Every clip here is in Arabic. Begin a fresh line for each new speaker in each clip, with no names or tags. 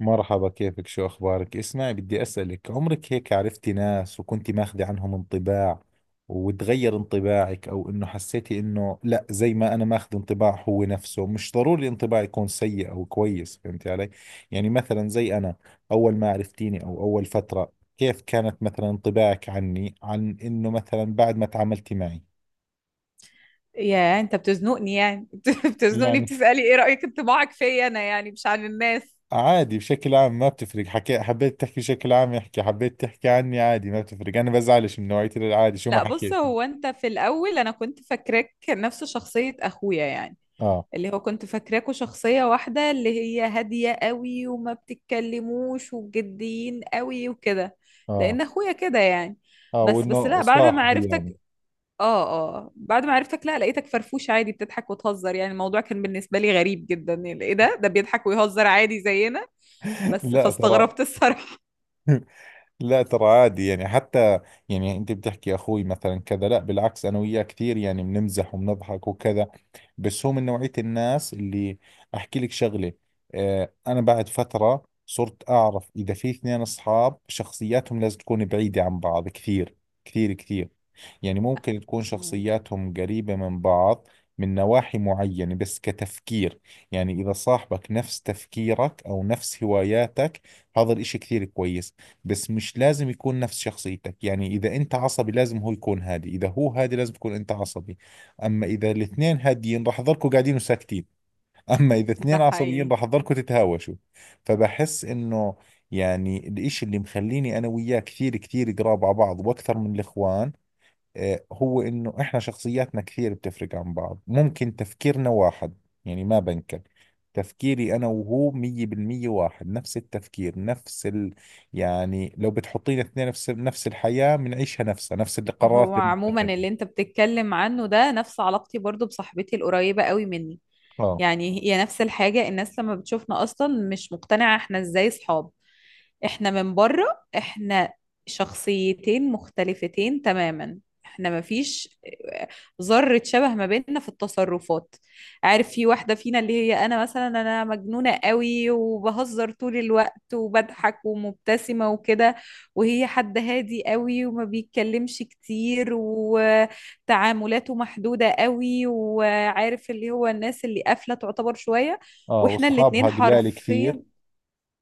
مرحبا، كيفك؟ شو أخبارك؟ اسمعي، بدي أسألك، عمرك هيك عرفتي ناس وكنتي ماخذة عنهم انطباع وتغير انطباعك، أو إنه حسيتي إنه لا زي ما أنا ماخذ انطباع هو نفسه؟ مش ضروري الانطباع يكون سيء أو كويس، فهمتي علي؟ يعني مثلا زي أنا، أول ما عرفتيني أو أول فترة، كيف كانت مثلا انطباعك عني، عن إنه مثلا بعد ما تعاملتي معي؟
يا انت بتزنقني يعني بتزنقني،
يعني
بتسألي ايه رأيك انطباعك فيا انا يعني مش عن الناس.
عادي بشكل عام، ما بتفرق، حكي، حبيت تحكي بشكل عام احكي، حبيت تحكي عني عادي، ما بتفرق، انا بزعلش من نوعية، العادي شو ما
لا بص،
حكيتي.
هو انت في الاول انا كنت فاكراك نفس شخصية اخويا يعني،
اه،
اللي هو كنت فاكراكوا شخصية واحدة، اللي هي هادية قوي وما بتتكلموش وجديين قوي وكده،
اه،
لان اخويا كده يعني.
اه،
بس
وانه
لا، بعد ما
صاحبي
عرفتك،
يعني.
اه، اه بعد ما عرفتك لا لقيتك فرفوش عادي، بتضحك وتهزر. يعني الموضوع كان بالنسبة لي غريب جدا، يعني ايه ده بيضحك ويهزر عادي زينا. بس
لا ترى.
فاستغربت الصراحة.
لا ترى، عادي يعني. حتى يعني انت بتحكي اخوي مثلا كذا، لا بالعكس، انا وياه كثير يعني بنمزح وبنضحك وكذا. بس هو من نوعية الناس اللي، احكي لك شغلة، اه انا بعد فترة صرت اعرف اذا في اثنين اصحاب شخصياتهم لازم تكون بعيدة عن بعض كثير، كثير كثير. يعني ممكن تكون
مم.
شخصياتهم قريبة من بعض من نواحي معينة، بس كتفكير، يعني إذا صاحبك نفس تفكيرك أو نفس هواياتك، هذا الإشي كثير كويس. بس مش لازم يكون نفس شخصيتك، يعني إذا أنت عصبي لازم هو يكون هادي، إذا هو هادي لازم تكون أنت عصبي. أما إذا الاثنين هاديين راح تضلكوا قاعدين وساكتين، أما إذا
ده
اثنين عصبيين
حقيقي.
راح تضلكوا تتهاوشوا. فبحس إنه، يعني الإشي اللي مخليني أنا وياه كثير كثير قراب على بعض وأكثر من الإخوان، آه، هو انه احنا شخصياتنا كثير بتفرق عن بعض، ممكن تفكيرنا واحد، يعني ما بنكر، تفكيري انا وهو 100% واحد، نفس التفكير، نفس ال... يعني لو بتحطينا اثنين في نفس الحياة بنعيشها نفسها، نفس
هو
القرارات اللي
عموما
بنتخذها.
اللي انت بتتكلم عنه ده نفس علاقتي برضو بصاحبتي القريبة قوي مني.
اه.
يعني هي نفس الحاجة، الناس لما بتشوفنا أصلا مش مقتنعة احنا ازاي صحاب. احنا من بره احنا شخصيتين مختلفتين تماما. احنا مفيش ذرة شبه ما بيننا في التصرفات. عارف، في واحدة فينا اللي هي انا مثلا، انا مجنونة قوي وبهزر طول الوقت وبضحك ومبتسمة وكده، وهي حد هادي قوي وما بيتكلمش كتير وتعاملاته محدودة قوي، وعارف اللي هو الناس اللي قافلة تعتبر شوية.
اه،
واحنا الاتنين
واصحابها قلال
حرفيا،
كثير.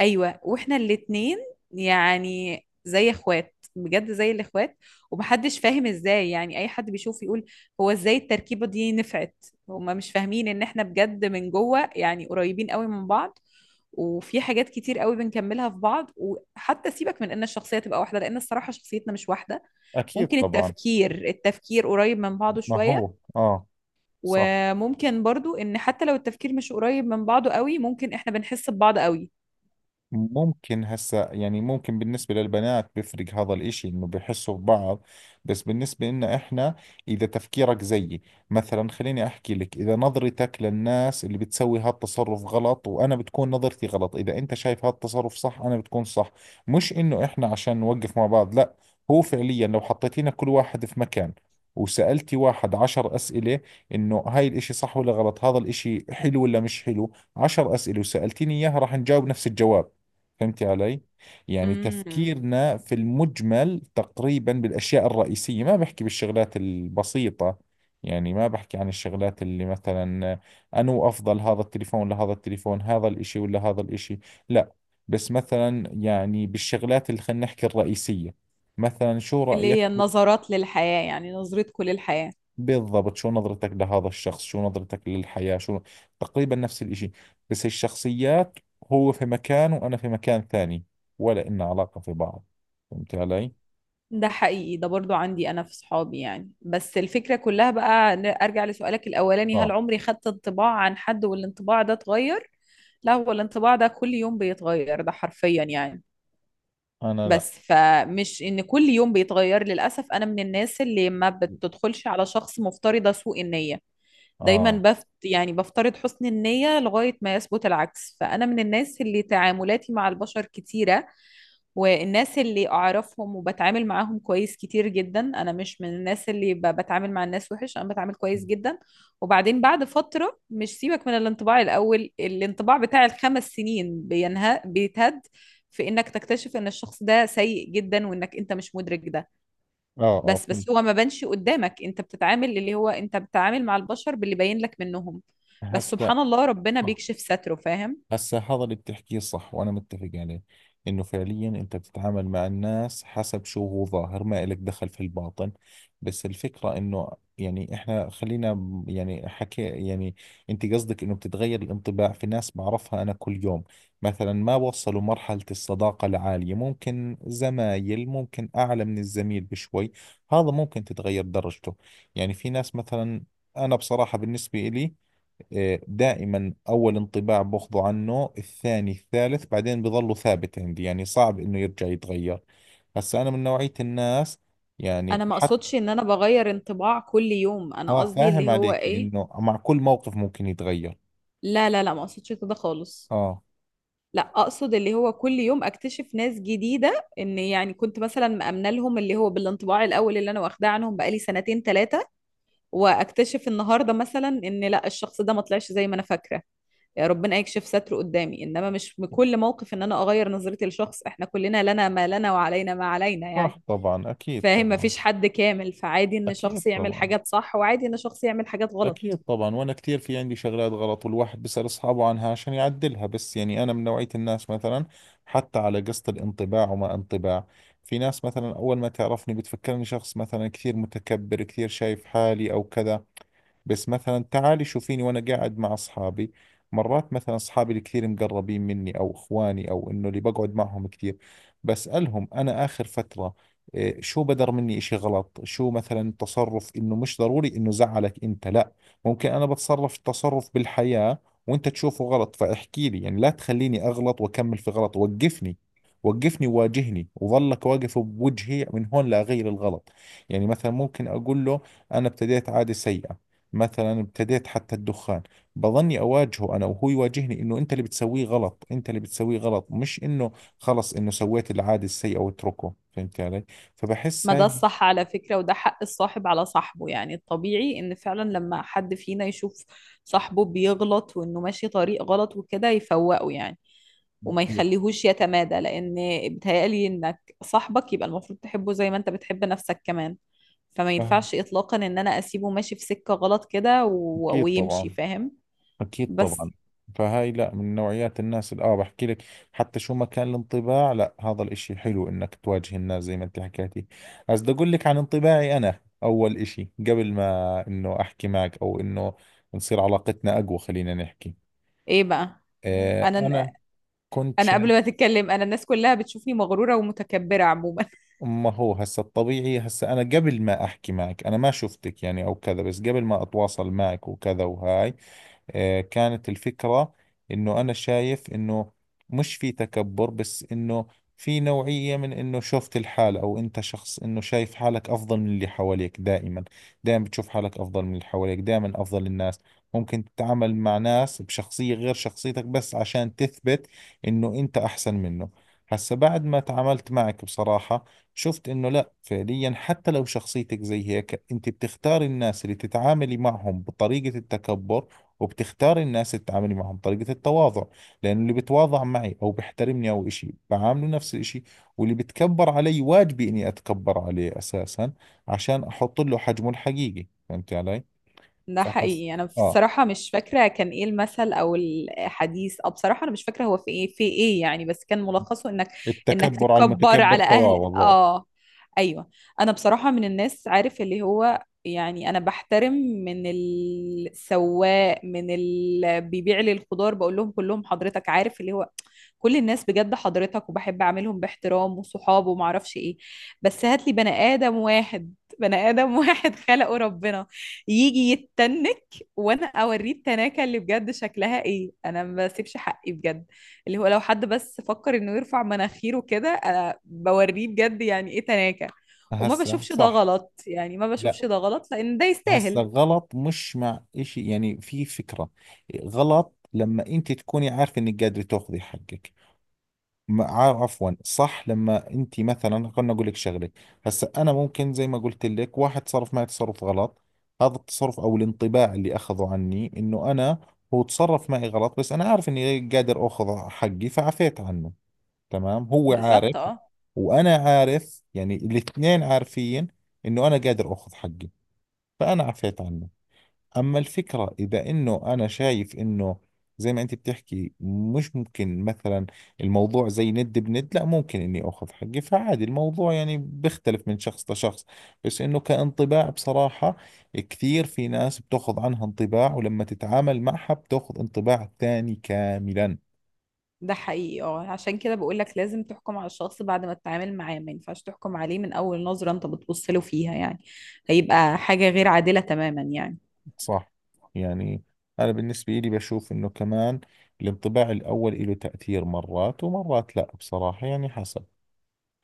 ايوه واحنا الاتنين يعني زي اخوات بجد، زي الاخوات. ومحدش فاهم ازاي، يعني اي حد بيشوف يقول هو ازاي التركيبه دي نفعت؟ هما مش فاهمين ان احنا بجد من جوه يعني قريبين قوي من بعض، وفي حاجات كتير قوي بنكملها في بعض. وحتى سيبك من ان الشخصيه تبقى واحده، لان الصراحه شخصيتنا مش واحده.
اكيد
ممكن
طبعا.
التفكير قريب من بعضه
ما
شويه،
هو اه. صح.
وممكن برضو ان حتى لو التفكير مش قريب من بعضه قوي، ممكن احنا بنحس ببعض قوي.
ممكن هسا يعني ممكن بالنسبة للبنات بيفرق هذا الاشي، انه بحسوا ببعض. بس بالنسبة لنا احنا، اذا تفكيرك زيي، مثلا خليني احكي لك، اذا نظرتك للناس اللي بتسوي هالتصرف غلط، وانا بتكون نظرتي غلط، اذا انت شايف هالتصرف صح، انا بتكون صح. مش انه احنا عشان نوقف مع بعض، لا، هو فعليا لو حطيتينا كل واحد في مكان، وسألتي واحد 10 أسئلة، إنه هاي الإشي صح ولا غلط، هذا الإشي حلو ولا مش حلو، 10 أسئلة وسألتيني إياها راح نجاوب نفس الجواب. فهمتي علي؟ يعني تفكيرنا في المجمل تقريبا بالأشياء الرئيسية، ما بحكي بالشغلات البسيطة، يعني ما بحكي عن الشغلات اللي مثلا، أنو أفضل هذا التليفون لهذا التليفون، هذا الإشي ولا هذا الإشي، لا. بس مثلا يعني بالشغلات اللي خلينا نحكي الرئيسية، مثلا شو
اللي
رأيك،
هي النظرات للحياة، يعني نظرتكم للحياة.
بالضبط، شو نظرتك لهذا الشخص، شو نظرتك للحياة، شو، تقريبا نفس الإشي. بس الشخصيات، هو في مكان وأنا في مكان ثاني، ولا إن علاقة في بعض. فهمت علي؟
ده حقيقي، ده برضو عندي أنا في صحابي يعني. بس الفكرة كلها بقى، أرجع لسؤالك الأولاني، هل
آه.
عمري خدت انطباع عن حد والانطباع ده اتغير؟ لا، هو الانطباع ده كل يوم بيتغير، ده حرفيا يعني.
أنا لا.
بس فمش إن كل يوم بيتغير. للأسف أنا من الناس اللي ما بتدخلش على شخص مفترضة سوء النية. دايما
آه،
بفترض حسن النية لغاية ما يثبت العكس. فأنا من الناس اللي تعاملاتي مع البشر كتيرة، والناس اللي اعرفهم وبتعامل معاهم كويس كتير جدا. انا مش من الناس اللي بتعامل مع الناس وحش، انا بتعامل كويس جدا. وبعدين بعد فترة، مش سيبك من الانطباع الاول، الانطباع بتاع الخمس سنين بينهى بيتهد، في انك تكتشف ان الشخص ده سيء جدا وانك انت مش مدرك ده.
آه، آه،
بس
فهمت.
بس هو ما بانش قدامك. انت بتتعامل اللي هو انت بتتعامل مع البشر باللي باين لك منهم. بس
هسا
سبحان الله ربنا بيكشف ستره، فاهم.
هسا هذا اللي بتحكيه صح وأنا متفق عليه، إنه فعليا أنت بتتعامل مع الناس حسب شو هو ظاهر، ما إلك دخل في الباطن. بس الفكرة إنه، يعني إحنا خلينا يعني حكي يعني، أنت قصدك إنه بتتغير الانطباع في ناس بعرفها أنا كل يوم، مثلا ما وصلوا مرحلة الصداقة العالية، ممكن زمايل، ممكن أعلى من الزميل بشوي، هذا ممكن تتغير درجته. يعني في ناس مثلا، أنا بصراحة بالنسبة إلي، آه، دائما أول انطباع باخذه عنه، الثاني الثالث بعدين بظله ثابت عندي، يعني صعب إنه يرجع يتغير. هسا أنا من نوعية الناس، يعني
انا ما
حتى،
اقصدش ان انا بغير انطباع كل يوم، انا
آه
قصدي
فاهم
اللي هو
عليكي،
ايه،
إنه مع كل موقف ممكن يتغير.
لا ما اقصدش كده خالص.
آه.
لا اقصد اللي هو كل يوم اكتشف ناس جديده، ان يعني كنت مثلا مأمنه لهم اللي هو بالانطباع الاول اللي انا واخداه عنهم بقالي سنتين ثلاثه، واكتشف النهارده مثلا ان لا، الشخص ده ما طلعش زي ما انا فاكره. يا ربنا يكشف ستره قدامي. انما مش بكل موقف ان انا اغير نظرتي لشخص، احنا كلنا لنا ما لنا وعلينا ما علينا يعني.
صح طبعا، أكيد
فاهم،
طبعا.
مفيش حد كامل. فعادي ان
أكيد
شخص يعمل
طبعا.
حاجات صح، وعادي ان شخص يعمل حاجات غلط.
أكيد طبعا، وأنا كثير في عندي شغلات غلط، والواحد بيسأل أصحابه عنها عشان يعدلها. بس يعني أنا من نوعية الناس مثلا، حتى على قصة الانطباع وما انطباع، في ناس مثلا أول ما تعرفني بتفكرني شخص مثلا كثير متكبر، كثير شايف حالي أو كذا. بس مثلا تعالي شوفيني وانا قاعد مع اصحابي، مرات مثلا اصحابي الكثير مقربين مني، او اخواني، او انه اللي بقعد معهم كثير، بسألهم انا اخر فترة، إيه، شو بدر مني اشي غلط، شو مثلا تصرف، انه مش ضروري انه زعلك انت لا، ممكن انا بتصرف تصرف بالحياة وانت تشوفه غلط، فاحكي لي، يعني لا تخليني اغلط واكمل في غلط، وقفني، وقفني وواجهني وظلك واقف بوجهي من هون لاغير الغلط. يعني مثلا ممكن اقول له، انا ابتديت عادة سيئة، مثلا ابتديت حتى الدخان، بظني اواجهه انا وهو يواجهني، انه انت اللي بتسويه غلط، انت اللي بتسويه غلط، مش انه خلص انه سويت العادة السيئة واتركه، فهمت علي؟ فبحس
ما ده
هاي،
الصح على فكرة، وده حق الصاحب على صاحبه يعني. الطبيعي ان فعلا لما حد فينا يشوف صاحبه بيغلط وانه ماشي طريق غلط وكده يفوقه يعني، وما
اكيد،
يخليهوش يتمادى، لان بيتهيألي انك صاحبك يبقى المفروض تحبه زي ما انت بتحب نفسك كمان. فما
فاهم،
ينفعش اطلاقا ان انا اسيبه ماشي في سكة غلط كده
اكيد
ويمشي،
طبعا،
فاهم.
اكيد
بس
طبعا. فهاي لا، من نوعيات الناس اللي اه بحكي لك، حتى شو ما كان الانطباع لا، هذا الاشي حلو انك تواجه الناس زي ما انت حكيتي. بس بدي اقول لك عن انطباعي انا اول اشي قبل ما انه احكي معك، او انه نصير علاقتنا اقوى، خلينا نحكي،
ايه بقى،
آه،
انا
أنا كنت
انا قبل
شايف،
ما تتكلم، انا الناس كلها بتشوفني مغرورة ومتكبرة عموما.
ما هو هسا الطبيعي، هسا أنا قبل ما أحكي معك أنا ما شفتك يعني أو كذا، بس قبل ما أتواصل معك وكذا، وهاي، آه، كانت الفكرة انه انا شايف انه مش في تكبر، بس انه في نوعية من انه شفت الحال، او انت شخص انه شايف حالك افضل من اللي حواليك دائما، دائما بتشوف حالك افضل من اللي حواليك، دائما افضل الناس، ممكن تتعامل مع ناس بشخصية غير شخصيتك بس عشان تثبت انه انت احسن منه. هسا بعد ما تعاملت معك بصراحة، شفت انه لا فعليا، حتى لو شخصيتك زي هيك، انت بتختار الناس اللي تتعاملي معهم بطريقة التكبر، وبتختاري الناس اللي تتعاملي معهم طريقة التواضع، لأنه اللي بتواضع معي أو بيحترمني أو إشي بعامله نفس الإشي، واللي بتكبر علي واجبي إني أتكبر عليه أساسا عشان أحط له حجمه الحقيقي. فهمت علي؟
ده
فحس،
حقيقي. انا
آه،
بصراحه مش فاكره كان ايه المثل او الحديث، او بصراحه انا مش فاكره هو في ايه، يعني، بس كان ملخصه انك انك
التكبر على
تتكبر
المتكبر
على اهل،
تواضع ضوء.
اه، ايوه. انا بصراحه من الناس عارف اللي هو، يعني انا بحترم من السواق، من اللي بيبيع لي الخضار، بقول لهم كلهم حضرتك، عارف اللي هو كل الناس بجد حضرتك، وبحب اعملهم باحترام وصحاب وما اعرفش ايه. بس هات لي بني ادم واحد، بني ادم واحد خلقه ربنا يجي يتنك، وانا اوريه التناكه اللي بجد شكلها ايه. انا ما بسيبش حقي بجد، اللي هو لو حد بس فكر انه يرفع مناخيره كده انا بوريه بجد يعني ايه تناكه. وما
هسا
بشوفش ده
صح.
غلط، يعني ما
لا،
بشوفش ده غلط لان ده
هسا
يستاهل.
غلط مش مع إشي، يعني في فكرة. غلط لما أنت تكوني عارفة إنك قادرة تاخذي حقك. عفوا، صح، لما انت مثلا، خلنا اقول لك شغله، هسا انا ممكن زي ما قلت لك، واحد تصرف معي تصرف غلط، هذا التصرف او الانطباع اللي اخذه عني، انه انا هو تصرف معي غلط، بس انا عارف اني قادر اخذ حقي فعفيت عنه، تمام، هو عارف،
بالظبط اه.
وانا عارف، يعني الاثنين عارفين انه انا قادر اخذ حقي فانا عفيت عنه. أما الفكرة إذا إنه أنا شايف إنه، زي ما أنت بتحكي، مش ممكن مثلا الموضوع زي ند بند، لا، ممكن إني أخذ حقي فعادي، الموضوع يعني بيختلف من شخص لشخص. بس إنه كانطباع بصراحة، كثير في ناس بتأخذ عنها انطباع ولما تتعامل معها بتأخذ انطباع ثاني كاملا.
ده حقيقي اه، عشان كده بقول لك لازم تحكم على الشخص بعد ما تتعامل معاه. ما ينفعش تحكم عليه من اول نظرة انت بتبص له فيها يعني، هيبقى حاجة غير عادلة تماما يعني.
صح. يعني أنا بالنسبة لي بشوف إنه كمان الانطباع الأول له تأثير، مرات ومرات لا بصراحة، يعني حسب،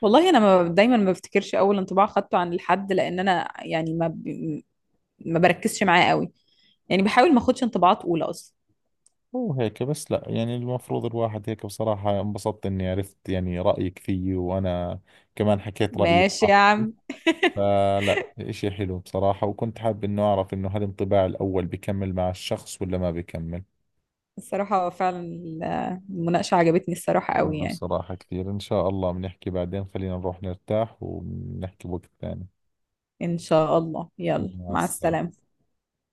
والله انا ما دايما ما بفتكرش اول انطباع خدته عن الحد، لان انا يعني ما بركزش معاه قوي، يعني بحاول ما اخدش انطباعات اولى اصلا.
مو هيك بس لا، يعني المفروض الواحد هيك. بصراحة انبسطت اني عرفت يعني رأيك فيي، وانا كمان حكيت رأيي
ماشي يا
براحتي،
عم.
فلا اشي حلو بصراحة، وكنت حاب انه اعرف انه هل الانطباع الاول بكمل مع الشخص ولا ما بكمل.
الصراحة فعلا المناقشة عجبتني الصراحة قوي
والله
يعني.
بصراحة كثير، ان شاء الله بنحكي بعدين، خلينا نروح نرتاح ونحكي وقت ثاني.
ان شاء الله، يلا
مع
مع
السلامة.
السلامة.